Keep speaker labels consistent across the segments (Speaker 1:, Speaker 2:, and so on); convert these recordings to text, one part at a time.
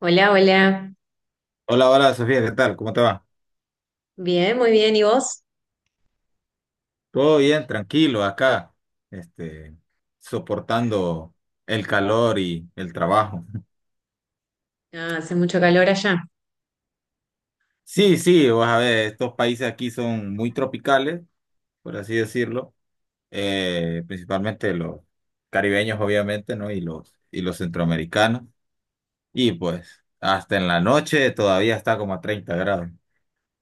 Speaker 1: Hola, hola.
Speaker 2: Hola, hola Sofía, ¿qué tal? ¿Cómo te va?
Speaker 1: Bien, muy bien. ¿Y vos?
Speaker 2: Todo bien, tranquilo, acá, este, soportando el calor y el trabajo.
Speaker 1: Ah, hace mucho calor allá.
Speaker 2: Sí, sí, vas a ver, estos países aquí son muy tropicales, por así decirlo, principalmente los caribeños, obviamente, ¿no? Y los centroamericanos. Y pues, hasta en la noche todavía está como a 30 grados.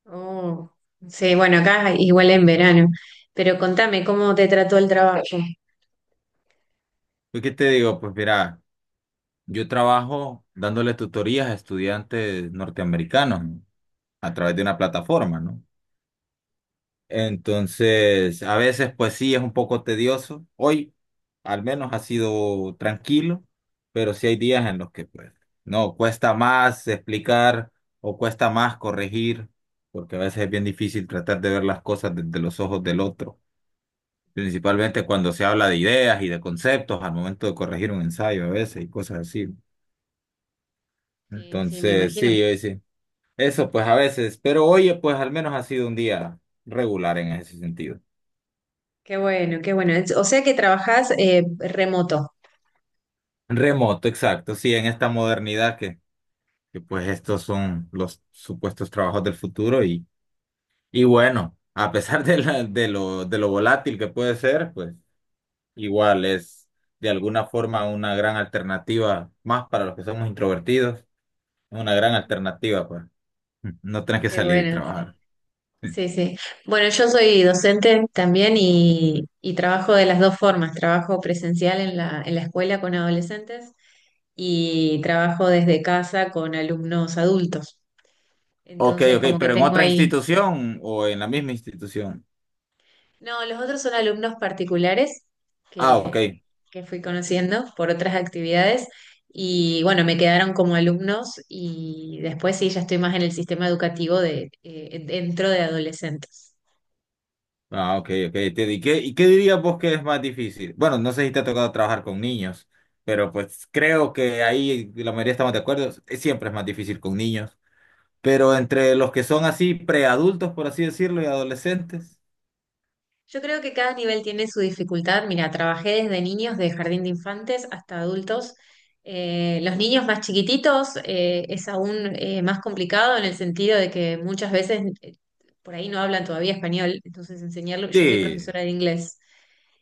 Speaker 1: Oh, sí, bueno, acá igual en verano. Pero contame, ¿cómo te trató el trabajo?
Speaker 2: ¿Y qué te digo? Pues mira, yo trabajo dándole tutorías a estudiantes norteamericanos, ¿no? A través de una plataforma, ¿no? Entonces, a veces, pues sí, es un poco tedioso. Hoy, al menos, ha sido tranquilo, pero sí hay días en los que, pues, no, cuesta más explicar o cuesta más corregir, porque a veces es bien difícil tratar de ver las cosas desde los ojos del otro, principalmente cuando se habla de ideas y de conceptos al momento de corregir un ensayo a veces y cosas así.
Speaker 1: Sí, sí, me
Speaker 2: Entonces,
Speaker 1: imagino.
Speaker 2: sí, hoy sí. Eso pues a veces, pero oye, pues al menos ha sido un día regular en ese sentido.
Speaker 1: Qué bueno, qué bueno. O sea que trabajás remoto.
Speaker 2: Remoto, exacto, sí, en esta modernidad que pues estos son los supuestos trabajos del futuro y, bueno, a pesar de lo volátil que puede ser, pues igual es de alguna forma una gran alternativa, más para los que somos introvertidos, una gran alternativa, pues no tenés que
Speaker 1: Qué
Speaker 2: salir y
Speaker 1: bueno.
Speaker 2: trabajar.
Speaker 1: Sí, sí. Bueno, yo soy docente también y trabajo de las dos formas. Trabajo presencial en en la escuela con adolescentes y trabajo desde casa con alumnos adultos.
Speaker 2: Ok,
Speaker 1: Entonces,
Speaker 2: ok,
Speaker 1: como que
Speaker 2: pero en
Speaker 1: tengo
Speaker 2: otra
Speaker 1: ahí...
Speaker 2: institución o en la misma institución.
Speaker 1: No, los otros son alumnos particulares
Speaker 2: Ah, ok.
Speaker 1: que, que fui conociendo por otras actividades y bueno, me quedaron como alumnos y después sí, ya estoy más en el sistema educativo de, dentro de adolescentes.
Speaker 2: Ah, ok, ok, entiendo. ¿Y qué dirías vos que es más difícil? Bueno, no sé si te ha tocado trabajar con niños, pero pues creo que ahí la mayoría estamos de acuerdo, siempre es más difícil con niños, pero entre los que son así preadultos, por así decirlo, y adolescentes.
Speaker 1: Yo creo que cada nivel tiene su dificultad. Mira, trabajé desde niños de jardín de infantes hasta adultos. Los niños más chiquititos es aún más complicado en el sentido de que muchas veces por ahí no hablan todavía español, entonces enseñarlo, yo soy
Speaker 2: Sí,
Speaker 1: profesora de inglés,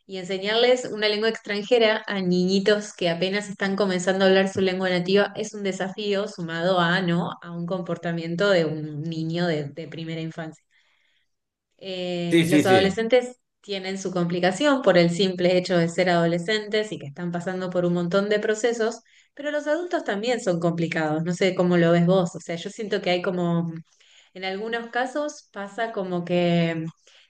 Speaker 1: y enseñarles una lengua extranjera a niñitos que apenas están comenzando a hablar su lengua nativa es un desafío sumado a, ¿no?, a un comportamiento de un niño de primera infancia.
Speaker 2: sí, sí,
Speaker 1: Los
Speaker 2: sí,
Speaker 1: adolescentes tienen su complicación por el simple hecho de ser adolescentes y que están pasando por un montón de procesos, pero los adultos también son complicados. No sé cómo lo ves vos. O sea, yo siento que hay como, en algunos casos pasa como que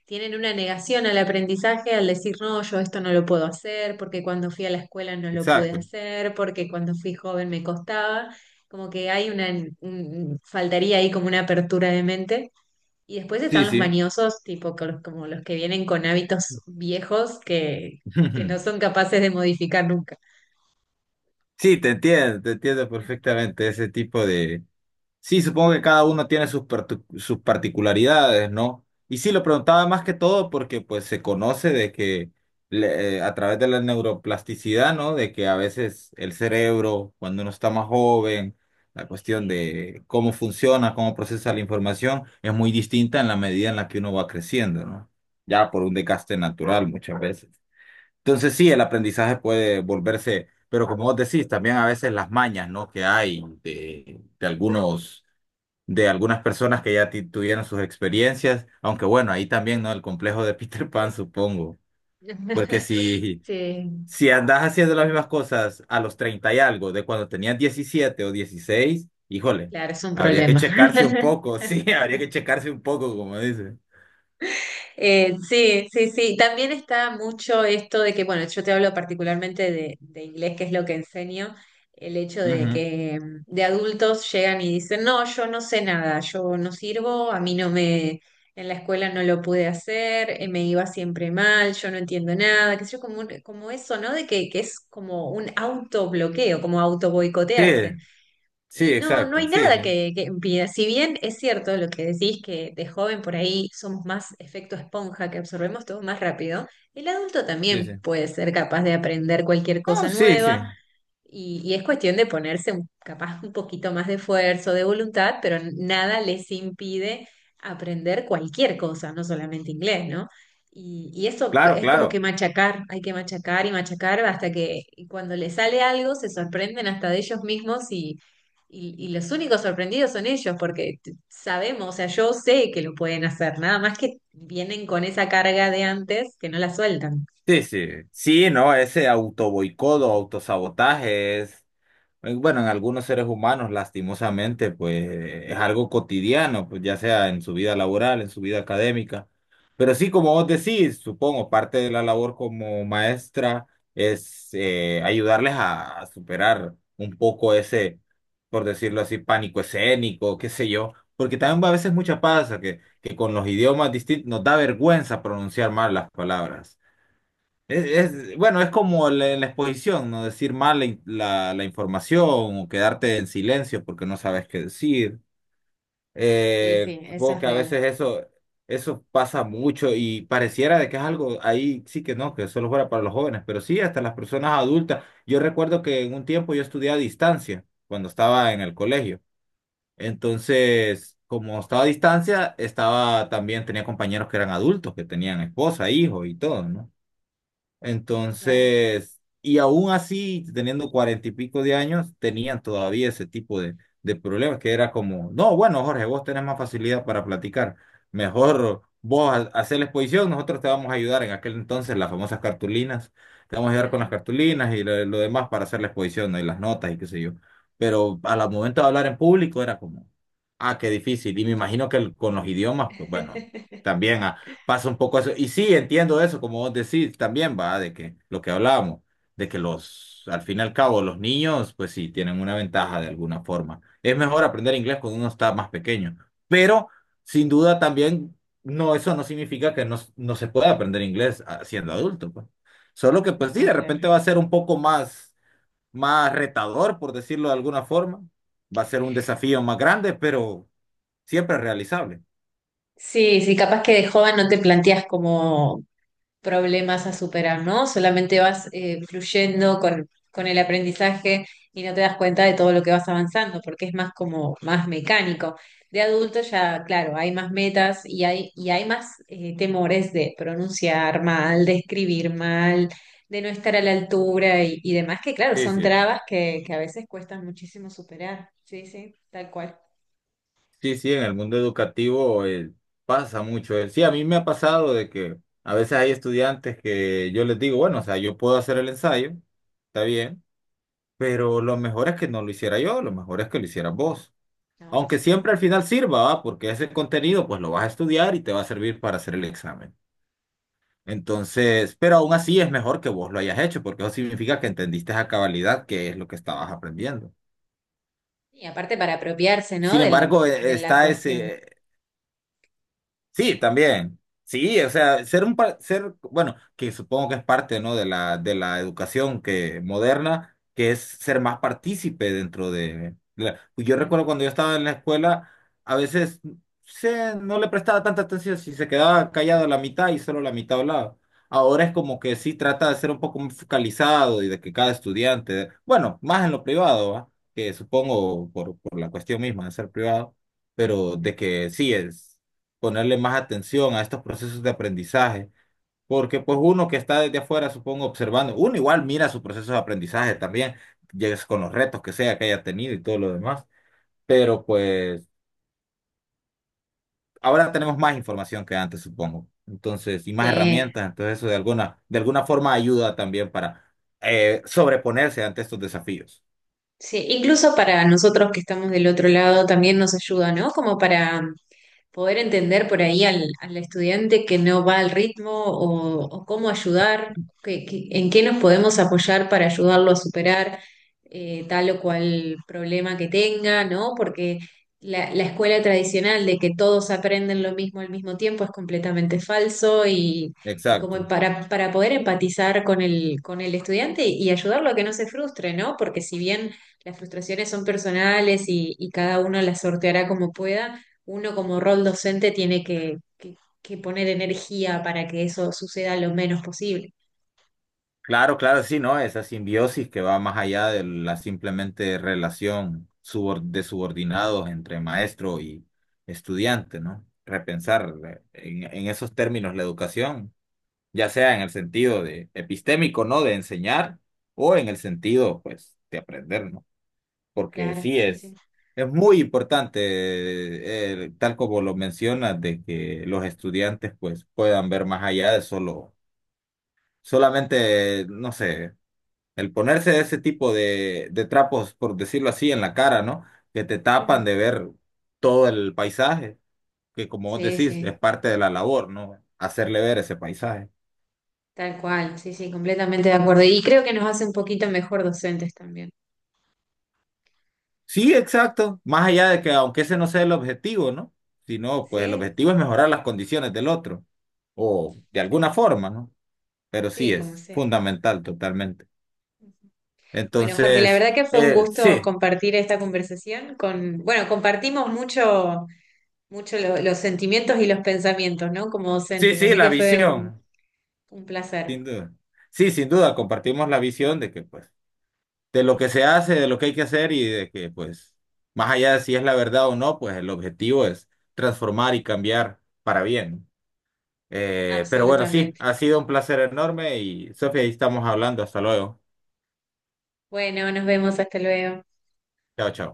Speaker 1: tienen una negación al aprendizaje al decir, no, yo esto no lo puedo hacer, porque cuando fui a la escuela no lo pude
Speaker 2: exacto.
Speaker 1: hacer, porque cuando fui joven me costaba. Como que hay una, faltaría ahí como una apertura de mente y después
Speaker 2: Sí,
Speaker 1: están los
Speaker 2: sí.
Speaker 1: mañosos, tipo como los que vienen con hábitos viejos que no son capaces de modificar nunca.
Speaker 2: Sí, te entiendo perfectamente ese tipo de. Sí, supongo que cada uno tiene sus particularidades, ¿no? Y sí, lo preguntaba más que todo porque pues se conoce de que a través de la neuroplasticidad, ¿no? De que a veces el cerebro, cuando uno está más joven, la cuestión de cómo funciona, cómo procesa la información, es muy distinta en la medida en la que uno va creciendo, ¿no? Ya por un desgaste natural muchas veces. Entonces sí, el aprendizaje puede volverse, pero como vos decís, también a veces las mañas, ¿no? Que hay de algunas personas que ya tuvieron sus experiencias, aunque bueno, ahí también, ¿no? El complejo de Peter Pan, supongo, porque si,
Speaker 1: Sí,
Speaker 2: si andas haciendo las mismas cosas a los 30 y algo, de cuando tenías 17 o 16, híjole,
Speaker 1: claro, es un
Speaker 2: habría que
Speaker 1: problema.
Speaker 2: checarse un poco, sí, habría que checarse un poco, como dice.
Speaker 1: Sí, sí, sí. También está mucho esto de que, bueno, yo te hablo particularmente de inglés, que es lo que enseño, el hecho de
Speaker 2: Ujú.
Speaker 1: que de adultos llegan y dicen, no, yo no sé nada, yo no sirvo, a mí no me, en la escuela no lo pude hacer, me iba siempre mal, yo no entiendo nada, qué sé yo, como, como eso, ¿no? De que es como un autobloqueo, como auto
Speaker 2: Sí, sí,
Speaker 1: y no, no hay
Speaker 2: exacto, sí,
Speaker 1: nada
Speaker 2: sí,
Speaker 1: que impida. Si bien es cierto lo que decís, que de joven por ahí somos más efecto esponja, que absorbemos todo más rápido, el adulto
Speaker 2: sí, sí.
Speaker 1: también puede ser capaz de aprender cualquier cosa
Speaker 2: No, sí,
Speaker 1: nueva
Speaker 2: sí,
Speaker 1: y es cuestión de ponerse capaz un poquito más de esfuerzo, de voluntad, pero nada les impide aprender cualquier cosa, no solamente inglés, ¿no? Y eso
Speaker 2: claro,
Speaker 1: es como que
Speaker 2: claro.
Speaker 1: machacar, hay que machacar y machacar hasta que y cuando les sale algo se sorprenden hasta de ellos mismos y los únicos sorprendidos son ellos, porque sabemos, o sea, yo sé que lo pueden hacer, nada más que vienen con esa carga de antes que no la sueltan.
Speaker 2: Sí, sí, sí, no, ese autoboicodo, autosabotaje es. Bueno, en algunos seres humanos, lastimosamente, pues es algo cotidiano, pues ya sea en su vida laboral, en su vida académica. Pero sí, como vos decís, supongo, parte de la labor como maestra es ayudarles a superar un poco ese, por decirlo así, pánico escénico, qué sé yo. Porque también a veces
Speaker 1: Ujú.
Speaker 2: mucha pasa que con los idiomas distintos nos da vergüenza pronunciar mal las palabras. Es,
Speaker 1: Mm.
Speaker 2: es- bueno, es como la, en la exposición, no decir mal la información o quedarte en silencio porque no sabes qué decir.
Speaker 1: Sí, sí, eso
Speaker 2: Supongo
Speaker 1: es
Speaker 2: que a
Speaker 1: real.
Speaker 2: veces eso pasa mucho y pareciera de que es algo ahí sí que no, que solo fuera para los jóvenes, pero sí hasta las personas adultas. Yo recuerdo que en un tiempo yo estudié a distancia cuando estaba en el colegio. Entonces, como estaba a distancia, estaba también tenía compañeros que eran adultos, que tenían esposa, hijo y todo, ¿no?
Speaker 1: Claro.
Speaker 2: Entonces, y aún así, teniendo cuarenta y pico de años, tenían todavía ese tipo de problemas, que era como, no, bueno, Jorge, vos tenés más facilidad para platicar, mejor vos hacer la exposición, nosotros te vamos a ayudar en aquel entonces, las famosas cartulinas, te vamos a ayudar con las
Speaker 1: Ajá.
Speaker 2: cartulinas y lo demás para hacer la exposición, ¿no? Y las notas y qué sé yo. Pero al momento de hablar en público era como, ah, qué difícil, y me imagino que con los idiomas, pues bueno. También pasa un poco eso. Y sí, entiendo eso, como vos decís también, va, de que lo que hablábamos, de que al fin y al cabo, los niños, pues sí, tienen una ventaja de alguna forma. Es mejor aprender inglés cuando uno está más pequeño, pero sin duda también, no, eso no significa que no se pueda aprender inglés, siendo adulto, pues. Solo que, pues sí,
Speaker 1: No,
Speaker 2: de
Speaker 1: claro.
Speaker 2: repente va a ser un poco más, más retador, por decirlo de alguna forma. Va a ser un desafío más grande, pero siempre realizable.
Speaker 1: Sí, sí, capaz que de joven no te planteas como problemas a superar, ¿no? Solamente vas fluyendo con el aprendizaje y no te das cuenta de todo lo que vas avanzando, porque es más como más mecánico. De adulto ya, claro, hay más metas y hay más temores de pronunciar mal, de escribir mal, de no estar a la altura y demás, que claro,
Speaker 2: Sí,
Speaker 1: son
Speaker 2: sí.
Speaker 1: trabas que a veces cuestan muchísimo superar. Sí, sí, tal cual.
Speaker 2: Sí, sí, en el mundo educativo pasa mucho. Sí, a mí me ha pasado de que a veces hay estudiantes que yo les digo, bueno, o sea, yo puedo hacer el ensayo, está bien, pero lo mejor es que no lo hiciera yo, lo mejor es que lo hicieras vos.
Speaker 1: No, por
Speaker 2: Aunque siempre
Speaker 1: supuesto.
Speaker 2: al final sirva, ¿va? Porque ese contenido pues lo vas a estudiar y te va a servir para hacer el examen. Entonces, pero aún así es mejor que vos lo hayas hecho, porque eso significa que entendiste a cabalidad qué es lo que estabas aprendiendo.
Speaker 1: Y aparte para apropiarse, ¿no?
Speaker 2: Sin embargo,
Speaker 1: De la
Speaker 2: está
Speaker 1: cuestión.
Speaker 2: ese. Sí, también. Sí, o sea, ser, bueno, que supongo que es parte, ¿no? De la educación que moderna, que es ser más partícipe dentro de pues. Yo recuerdo cuando yo estaba en la escuela, a veces no le prestaba tanta atención si se quedaba callado la mitad y solo la mitad hablaba. Ahora es como que sí trata de ser un poco más focalizado y de que cada estudiante, bueno, más en lo privado, ¿va? Que supongo por la cuestión misma de ser privado, pero de que sí es ponerle más atención a estos procesos de aprendizaje, porque pues uno que está desde afuera, supongo, observando, uno igual mira su proceso de aprendizaje también, llegues con los retos que sea que haya tenido y todo lo demás, pero pues ahora tenemos más información que antes, supongo, entonces, y más
Speaker 1: Sí,
Speaker 2: herramientas, entonces eso de alguna forma ayuda también para sobreponerse ante estos desafíos.
Speaker 1: sí, incluso para nosotros que estamos del otro lado también nos ayuda, ¿no? Como para poder entender por ahí al estudiante que no va al ritmo o cómo ayudar, en qué nos podemos apoyar para ayudarlo a superar tal o cual problema que tenga, ¿no? Porque la escuela tradicional de que todos aprenden lo mismo al mismo tiempo es completamente falso y como
Speaker 2: Exacto.
Speaker 1: para poder empatizar con el estudiante y ayudarlo a que no se frustre, ¿no? Porque si bien las frustraciones son personales y cada uno las sorteará como pueda, uno como rol docente tiene que, que poner energía para que eso suceda lo menos posible.
Speaker 2: Claro, claro, sí, ¿no? Esa simbiosis que va más allá de la simplemente relación de subordinados entre maestro y estudiante, ¿no? Repensar en, esos términos la educación, ya sea en el sentido de epistémico, ¿no? De enseñar o en el sentido, pues, de aprender, ¿no? Porque
Speaker 1: Claro,
Speaker 2: sí
Speaker 1: sí, sí.
Speaker 2: es muy importante, tal como lo mencionas, de que los estudiantes, pues, puedan ver más allá de solo, solamente, no sé, el ponerse ese tipo de trapos, por decirlo así, en la cara, ¿no? Que te tapan
Speaker 1: Mm,
Speaker 2: de ver todo el paisaje, que como vos
Speaker 1: sí,
Speaker 2: decís, es
Speaker 1: sí,
Speaker 2: parte de la labor, ¿no? Hacerle ver ese paisaje.
Speaker 1: tal cual, sí, sí, completamente de acuerdo. Y creo que nos hace un poquito mejor docentes también.
Speaker 2: Sí, exacto. Más allá de que aunque ese no sea el objetivo, ¿no? Sino, pues el
Speaker 1: Sí,
Speaker 2: objetivo es mejorar las condiciones del otro, o de alguna
Speaker 1: seguro.
Speaker 2: forma, ¿no? Pero sí
Speaker 1: Sí, como
Speaker 2: es
Speaker 1: sea.
Speaker 2: fundamental totalmente.
Speaker 1: Bueno, Jorge, la
Speaker 2: Entonces,
Speaker 1: verdad que fue un gusto
Speaker 2: sí,
Speaker 1: compartir esta conversación con, bueno, compartimos mucho, los sentimientos y los pensamientos, ¿no? Como
Speaker 2: sí,
Speaker 1: docentes,
Speaker 2: sí,
Speaker 1: así
Speaker 2: la
Speaker 1: que fue
Speaker 2: visión,
Speaker 1: un placer,
Speaker 2: sin duda. Sí, sin duda, compartimos la visión de que, pues, de lo que se hace, de lo que hay que hacer y de que, pues, más allá de si es la verdad o no, pues el objetivo es transformar y cambiar para bien. Pero bueno, sí,
Speaker 1: absolutamente.
Speaker 2: ha sido un placer enorme y Sofía, ahí estamos hablando. Hasta luego.
Speaker 1: Bueno, nos vemos, hasta luego.
Speaker 2: Chao, chao.